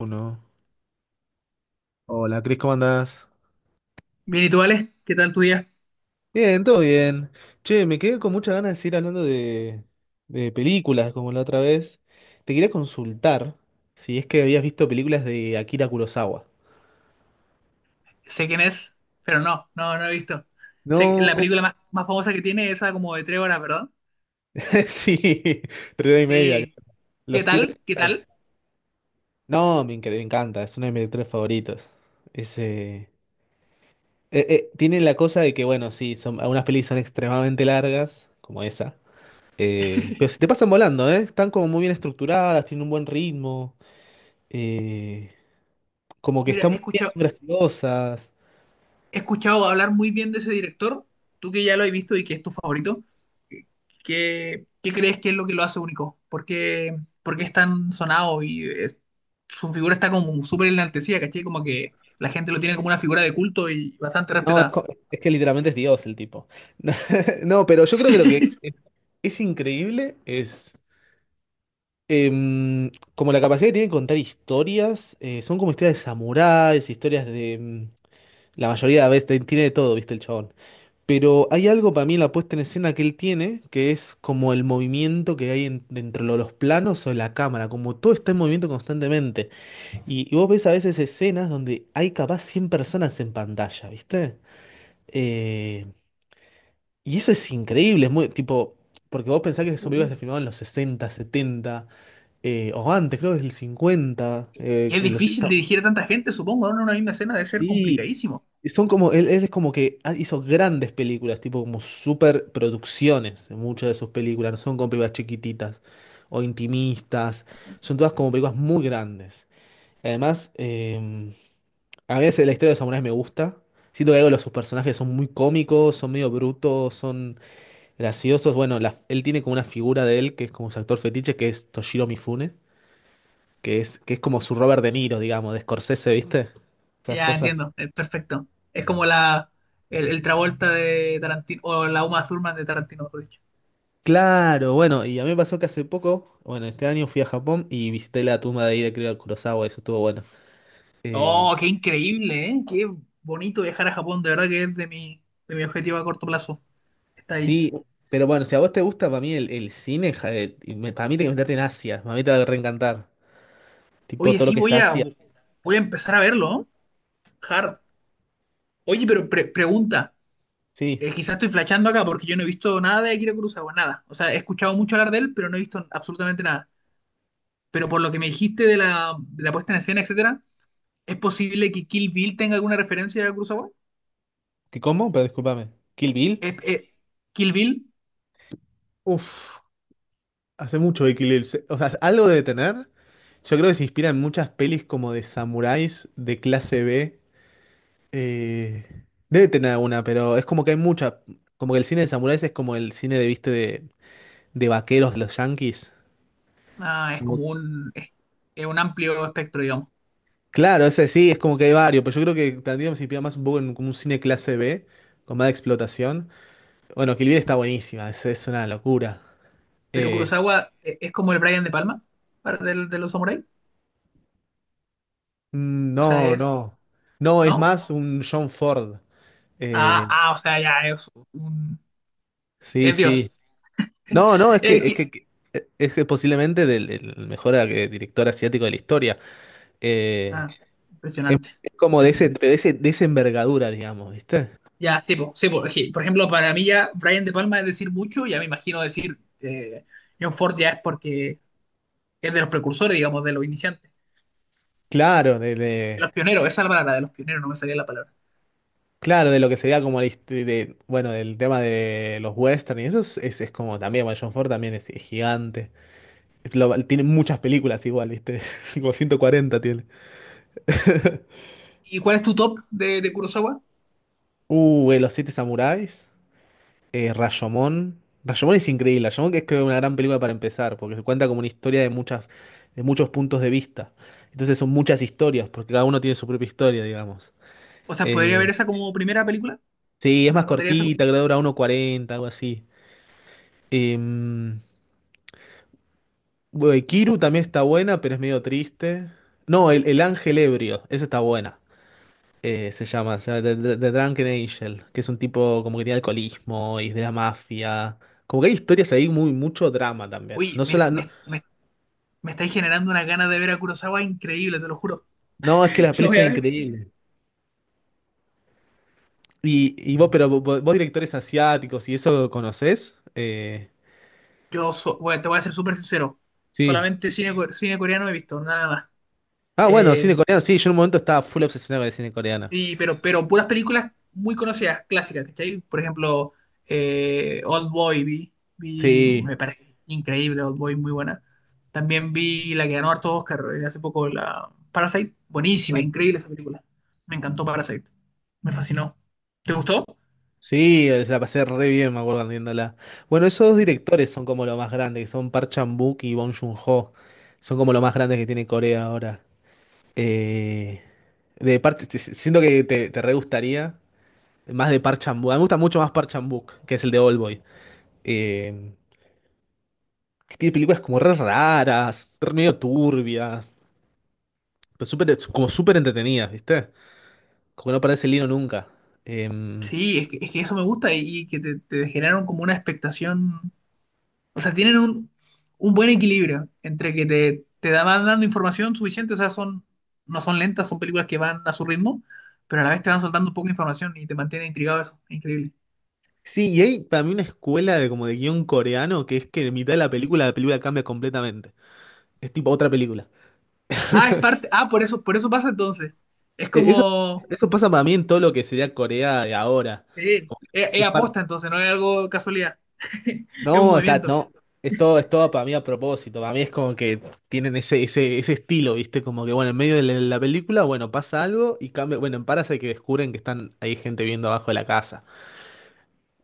Uno. Hola, Cris, ¿cómo andás? Bien, ¿y tú, Ale? ¿Qué tal tu día? Bien, todo bien. Che, me quedé con muchas ganas de seguir hablando de películas como la otra vez. Te quería consultar si es que habías visto películas de Akira Kurosawa. Sé quién es, pero no, no, no he visto. Sé que la No, película más famosa que tiene es esa como de tres horas, ¿verdad? sí, tres y media. Sí. ¿Qué Los siete tal? ¿Qué samuráis. tal? No, me encanta, es uno de mis tres favoritos. Es, eh, Tiene la cosa de que, bueno, sí, algunas pelis son extremadamente largas, como esa. Pero se te pasan volando, ¿eh? Están como muy bien estructuradas, tienen un buen ritmo. eh, Como que Mira, están muy bien, son graciosas. he escuchado hablar muy bien de ese director. Tú que ya lo has visto y que es tu favorito, qué crees que es lo que lo hace único? Por qué es tan sonado y su figura está como súper enaltecida, ¿cachai? Como que la gente lo tiene como una figura de culto y bastante No, es, respetada. co- es que literalmente es Dios el tipo. No, pero yo creo que lo que es increíble es como la capacidad que tienen de contar historias. Son como historias de samuráis, historias de. La mayoría de veces tiene de todo, ¿viste el chabón? Pero hay algo para mí en la puesta en escena que él tiene, que es como el movimiento que hay dentro de los planos o de la cámara, como todo está en movimiento constantemente. Y vos ves a veces escenas donde hay capaz 100 personas en pantalla, ¿viste? Eh, y eso es increíble, es muy tipo, porque vos pensás que ese películas se filmaban en los 60 70 o antes, creo que es el 50 Y es en los... difícil dirigir a tanta gente, supongo, ¿no? En una misma escena debe ser Sí, complicadísimo. y son como, él es como que hizo grandes películas, tipo como super producciones en muchas de sus películas, no son como películas chiquititas o intimistas, son todas como películas muy grandes. Además, a veces la historia de los samuráis me gusta, siento que algo de sus personajes son muy cómicos, son medio brutos, son graciosos. Bueno, él tiene como una figura de él que es como su actor fetiche, que es Toshiro Mifune, que es como su Robert De Niro, digamos, de Scorsese, ¿viste? Esas Ya cosas. entiendo, es perfecto. Es como el Travolta de Tarantino, o la Uma Thurman de Tarantino, mejor dicho. Claro, bueno, y a mí me pasó que hace poco, bueno, este año fui a Japón y visité la tumba de Ida, creo, Kurosawa, eso estuvo bueno. Eh, Oh, qué increíble, ¿eh? Qué bonito viajar a Japón, de verdad que es de mi objetivo a corto plazo. Está ahí. sí, pero bueno, si a vos te gusta, para mí el cine, ja, para mí tenés que meterte en Asia, para mí te va a reencantar. Tipo Oye, todo lo sí, que es Asia. voy a empezar a verlo, ¿eh? Hard. Oye, pero pregunta, Sí, quizás estoy flasheando acá porque yo no he visto nada de Akira Kurosawa, nada. O sea, he escuchado mucho hablar de él, pero no he visto absolutamente nada. Pero por lo que me dijiste de la puesta en escena, etcétera, ¿es posible que Kill Bill tenga alguna referencia a Kurosawa? ¿qué cómo? Pero discúlpame. ¿Kill Bill? Es- es- eh, Kill Bill, Uf, hace mucho de Kill Bill. O sea, algo de tener. Yo creo que se inspira en muchas pelis como de samuráis de clase B. Eh, Debe tener alguna, pero es como que hay mucha. Como que el cine de samuráis es como el cine de, viste, de vaqueros de los yankees. ah, es como es un amplio espectro, digamos. Claro, ese sí, es como que hay varios, pero yo creo que Tarantino se inspira más un poco en como un cine clase B, con más explotación. Bueno, Kill Bill está buenísima, es una locura. Pero Eh, Kurosawa, es como el Brian de Palma los samuráis. mm, O sea, no, es. no. No, es ¿No? más un John Ford. Ah, Eh, ah, o sea, ya es un. sí, Es sí. Dios. No, no, es El que, es Ki- que, que- es que posiblemente del, el mejor director asiático de la historia. ah, Eh, impresionante. es como Impresionante. De esa envergadura, digamos, ¿viste? Ya, sí, po, es que, por ejemplo, para mí ya Brian de Palma es decir mucho, ya me imagino decir John Ford ya es porque es de los precursores, digamos, de los iniciantes. Claro, De los pioneros, esa es la palabra, de los pioneros, no me salía la palabra. claro, de lo que sería como de, bueno, del tema de los western y eso es, como también, bueno, John Ford también es gigante. Es tiene muchas películas igual, ¿viste? Como 140 tiene. ¿Y cuál es tu top de Kurosawa? Los Siete Samuráis, Rashomon. Rashomon es increíble. Rashomon es creo una gran película para empezar, porque se cuenta como una historia de muchas, de muchos puntos de vista. Entonces son muchas historias, porque cada uno tiene su propia historia, digamos. O sea, ¿podría Eh, ver esa como primera película? Sí, es ¿Me más recomendaría esa cortita, como... creo que dura 1.40, algo así. Eh, bueno, Kiru también está buena, pero es medio triste. No, el Ángel Ebrio, esa está buena. Se llama, The Drunken Angel, que es un tipo como que tiene alcoholismo y es de la mafia. Como que hay historias ahí, muy, mucho drama también. Oye, No, sola, no, me estáis generando una ganas de ver a Kurosawa increíble, te lo juro. no, es que las Lo pelis voy son a ver. Sí. increíbles. ¿Y vos directores asiáticos y eso conocés? Bueno, te voy a ser súper sincero. Sí. Solamente cine, cine coreano he visto, nada más. Ah, bueno, cine Eh, coreano, sí, yo en un momento estaba full obsesionado con el cine coreano. Sí, pero puras películas muy conocidas, clásicas, ¿cachai? Por ejemplo, Old Boy vi, Sí. me parece increíble, Old Boy, muy buena. También vi la que ganó harto Oscar, hace poco, la Parasite, buenísima, Sí. increíble esa película. Me encantó Parasite, me fascinó. ¿Te gustó? Sí, se la pasé re bien, me acuerdo viéndola. Bueno, esos dos directores son como lo más grande, que son Park Chan-wook y Bong Joon-ho. Son como lo más grande que tiene Corea ahora. Eh, de siento que te re gustaría más de Park Chan-wook. A mí me gusta mucho más Park Chan-wook, que es el de Oldboy. Eh, que tiene películas como re raras, re medio turbias, pero como súper entretenidas, ¿viste? Como que no parece el hilo nunca. Em, Sí, es que eso me gusta y que te generaron como una expectación. O sea, tienen un buen equilibrio entre que te van dando información suficiente, o sea, no son lentas, son películas que van a su ritmo, pero a la vez te van soltando poca información y te mantiene intrigado eso. Increíble. Sí, y hay también una escuela de como de guión coreano que es que en mitad de la película cambia completamente. Es tipo otra película. Ah, es parte, ah, por eso pasa entonces. Es Eh, Eso, como, eso pasa para mí en todo lo que sería Corea de ahora. sí, Como que es es par- aposta entonces, no es algo casualidad. Es un No, está, movimiento. no. Es todo para mí a propósito. Para mí es como que tienen ese estilo, ¿viste? Como que, bueno, en medio de la película, bueno, pasa algo y cambia. Bueno, en Parasite que descubren que están, hay gente viendo abajo de la casa.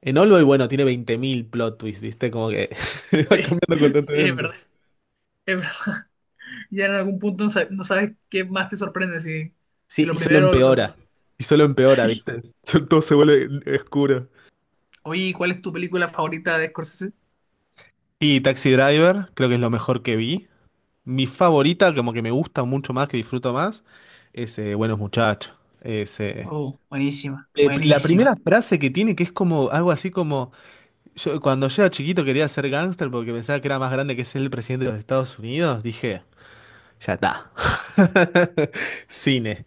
En All Boy, bueno, tiene 20.000 plot twists, ¿viste? Como que va Sí, cambiando sí, es verdad. constantemente. Es verdad. Ya en algún punto no sabes qué más te sorprende, si, si Sí, y lo solo primero o lo segundo. empeora. Y solo empeora, Sí. ¿viste? Todo se vuelve oscuro. Oye, ¿y cuál es tu película favorita de Scorsese? Y Taxi Driver, creo que es lo mejor que vi. Mi favorita, como que me gusta mucho más, que disfruto más, es Buenos Muchachos. Es, eh, Oh, buenísima, la buenísima. primera frase que tiene, que es como algo así como, cuando yo era chiquito quería ser gángster porque pensaba que era más grande que ser el presidente de los Estados Unidos, dije, ya está. Cine.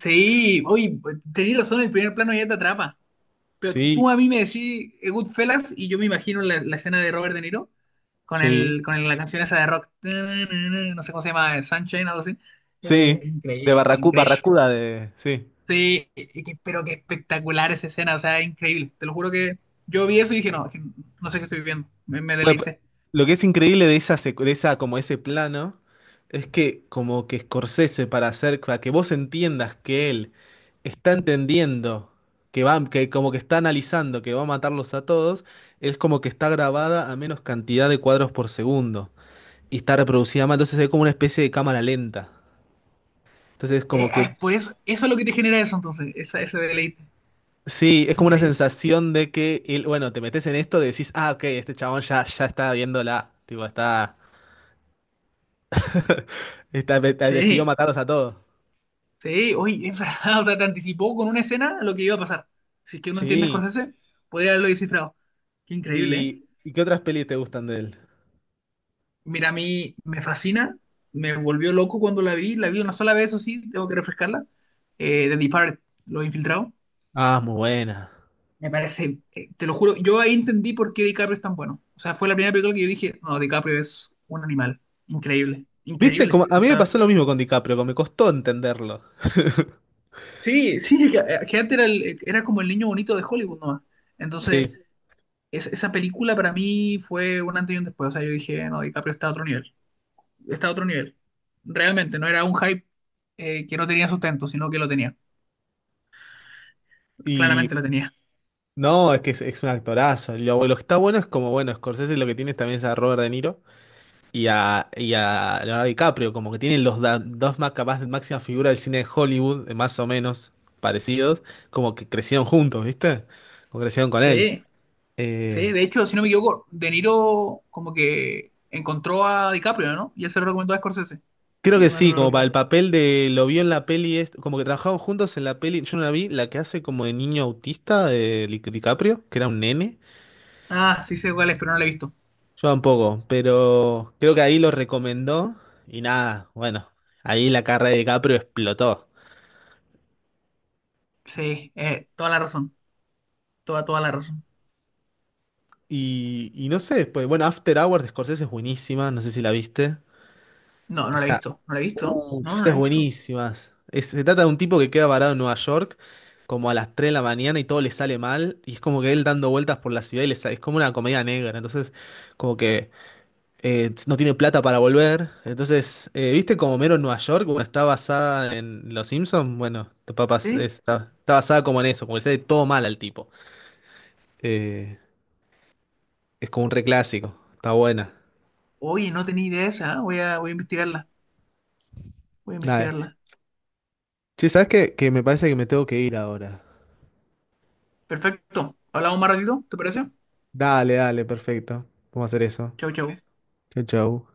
Sí, hoy tenés razón, el primer plano ya te atrapa. Pero tú Sí, a mí me decís, Goodfellas, y yo me imagino la escena de Robert De Niro con sí, la canción esa de rock. No sé cómo se llama, Sunshine, algo así. Sí. De Increíble, increíble. Barracuda, de... Sí. Sí, y que- pero qué espectacular esa escena, o sea, increíble. Te lo juro que yo vi eso y dije, no, que no sé qué estoy viendo. Me Bueno, deleité. lo que es increíble de de esa como ese plano es que como que Scorsese para que vos entiendas que él está entendiendo que como que está analizando que va a matarlos a todos, es como que está grabada a menos cantidad de cuadros por segundo y está reproducida más, entonces es como una especie de cámara lenta. Entonces es como Ah, que es por eso, eso es lo que te genera eso entonces, esa, ese deleite. sí, es como una sensación de que él, bueno, te metes en esto, decís, "Ah, ok, este chabón ya está viéndola, tipo está decidió Sí. matarlos a todos." Sí, oye, es verdad, o sea, te anticipó con una escena lo que iba a pasar. Si es que uno entiende a Sí. Scorsese, podría haberlo descifrado. Qué increíble, ¿eh? ¿Y qué otras pelis te gustan de él? Mira, a mí me fascina, me volvió loco cuando la vi una sola vez, eso sí, tengo que refrescarla. The Departed, Los Infiltrados, Ah, muy buena. me parece, te lo juro, yo ahí entendí por qué DiCaprio es tan bueno. O sea, fue la primera película que yo dije, no, DiCaprio es un animal, increíble, ¿Viste? increíble. Como, a O mí me sea, pasó lo mismo con DiCaprio, como me costó entenderlo. sí, sí, que antes era, era como el niño bonito de Hollywood nomás. Entonces... Sí. Esa película para mí fue un antes y un después. O sea, yo dije, no, DiCaprio está a otro nivel. Está a otro nivel. Realmente, no era un hype, que no tenía sustento, sino que lo tenía. Y Claramente lo tenía. no, es que es un actorazo. Y lo que está bueno es como, bueno, Scorsese lo que tiene también es a Robert De Niro y a, Leonardo DiCaprio, como que tienen los dos más capaz, máximas figuras del cine de Hollywood, más o menos parecidos, como que crecieron juntos, ¿viste? Como crecieron con él. Sí, sí. Eh, De hecho, si no me equivoco, De Niro como que encontró a DiCaprio, ¿no? Y él se lo recomendó a Scorsese. Creo Sí, que mal no sí, lo como para recuerdo. el papel de lo vio en la peli, como que trabajaban juntos en la peli, yo no la vi, la que hace como de niño autista de DiCaprio, que era un nene, Ah, sí sé cuál es, pero no la he visto. yo tampoco, pero creo que ahí lo recomendó y nada, bueno, ahí la carrera de DiCaprio explotó. Sí, toda la razón. Toda, toda la razón. Y no sé, pues bueno, After Hours de Scorsese es buenísima, no sé si la viste. No, no la he visto. ¿No la he visto? No, Uf, no la esas he visto. buenísimas. Se trata de un tipo que queda varado en Nueva York como a las 3 de la mañana y todo le sale mal y es como que él dando vueltas por la ciudad y le sale, es como una comedia negra, entonces como que no tiene plata para volver. Entonces, ¿viste como Mero en Nueva York? Bueno, está basada en Los Simpsons, bueno, tu papá es- Sí. está, está basada como en eso, como que le sale todo mal al tipo. Eh, es como un reclásico, está buena. Oye, no tenía idea esa, ¿eh? Voy a investigarla. Voy a Dale. investigarla. Sí, ¿sabes qué? Que me parece que me tengo que ir ahora. Perfecto. Hablamos más ratito, ¿te parece? Dale, dale, perfecto. Vamos a hacer eso. Chau, chau. Chao, chao.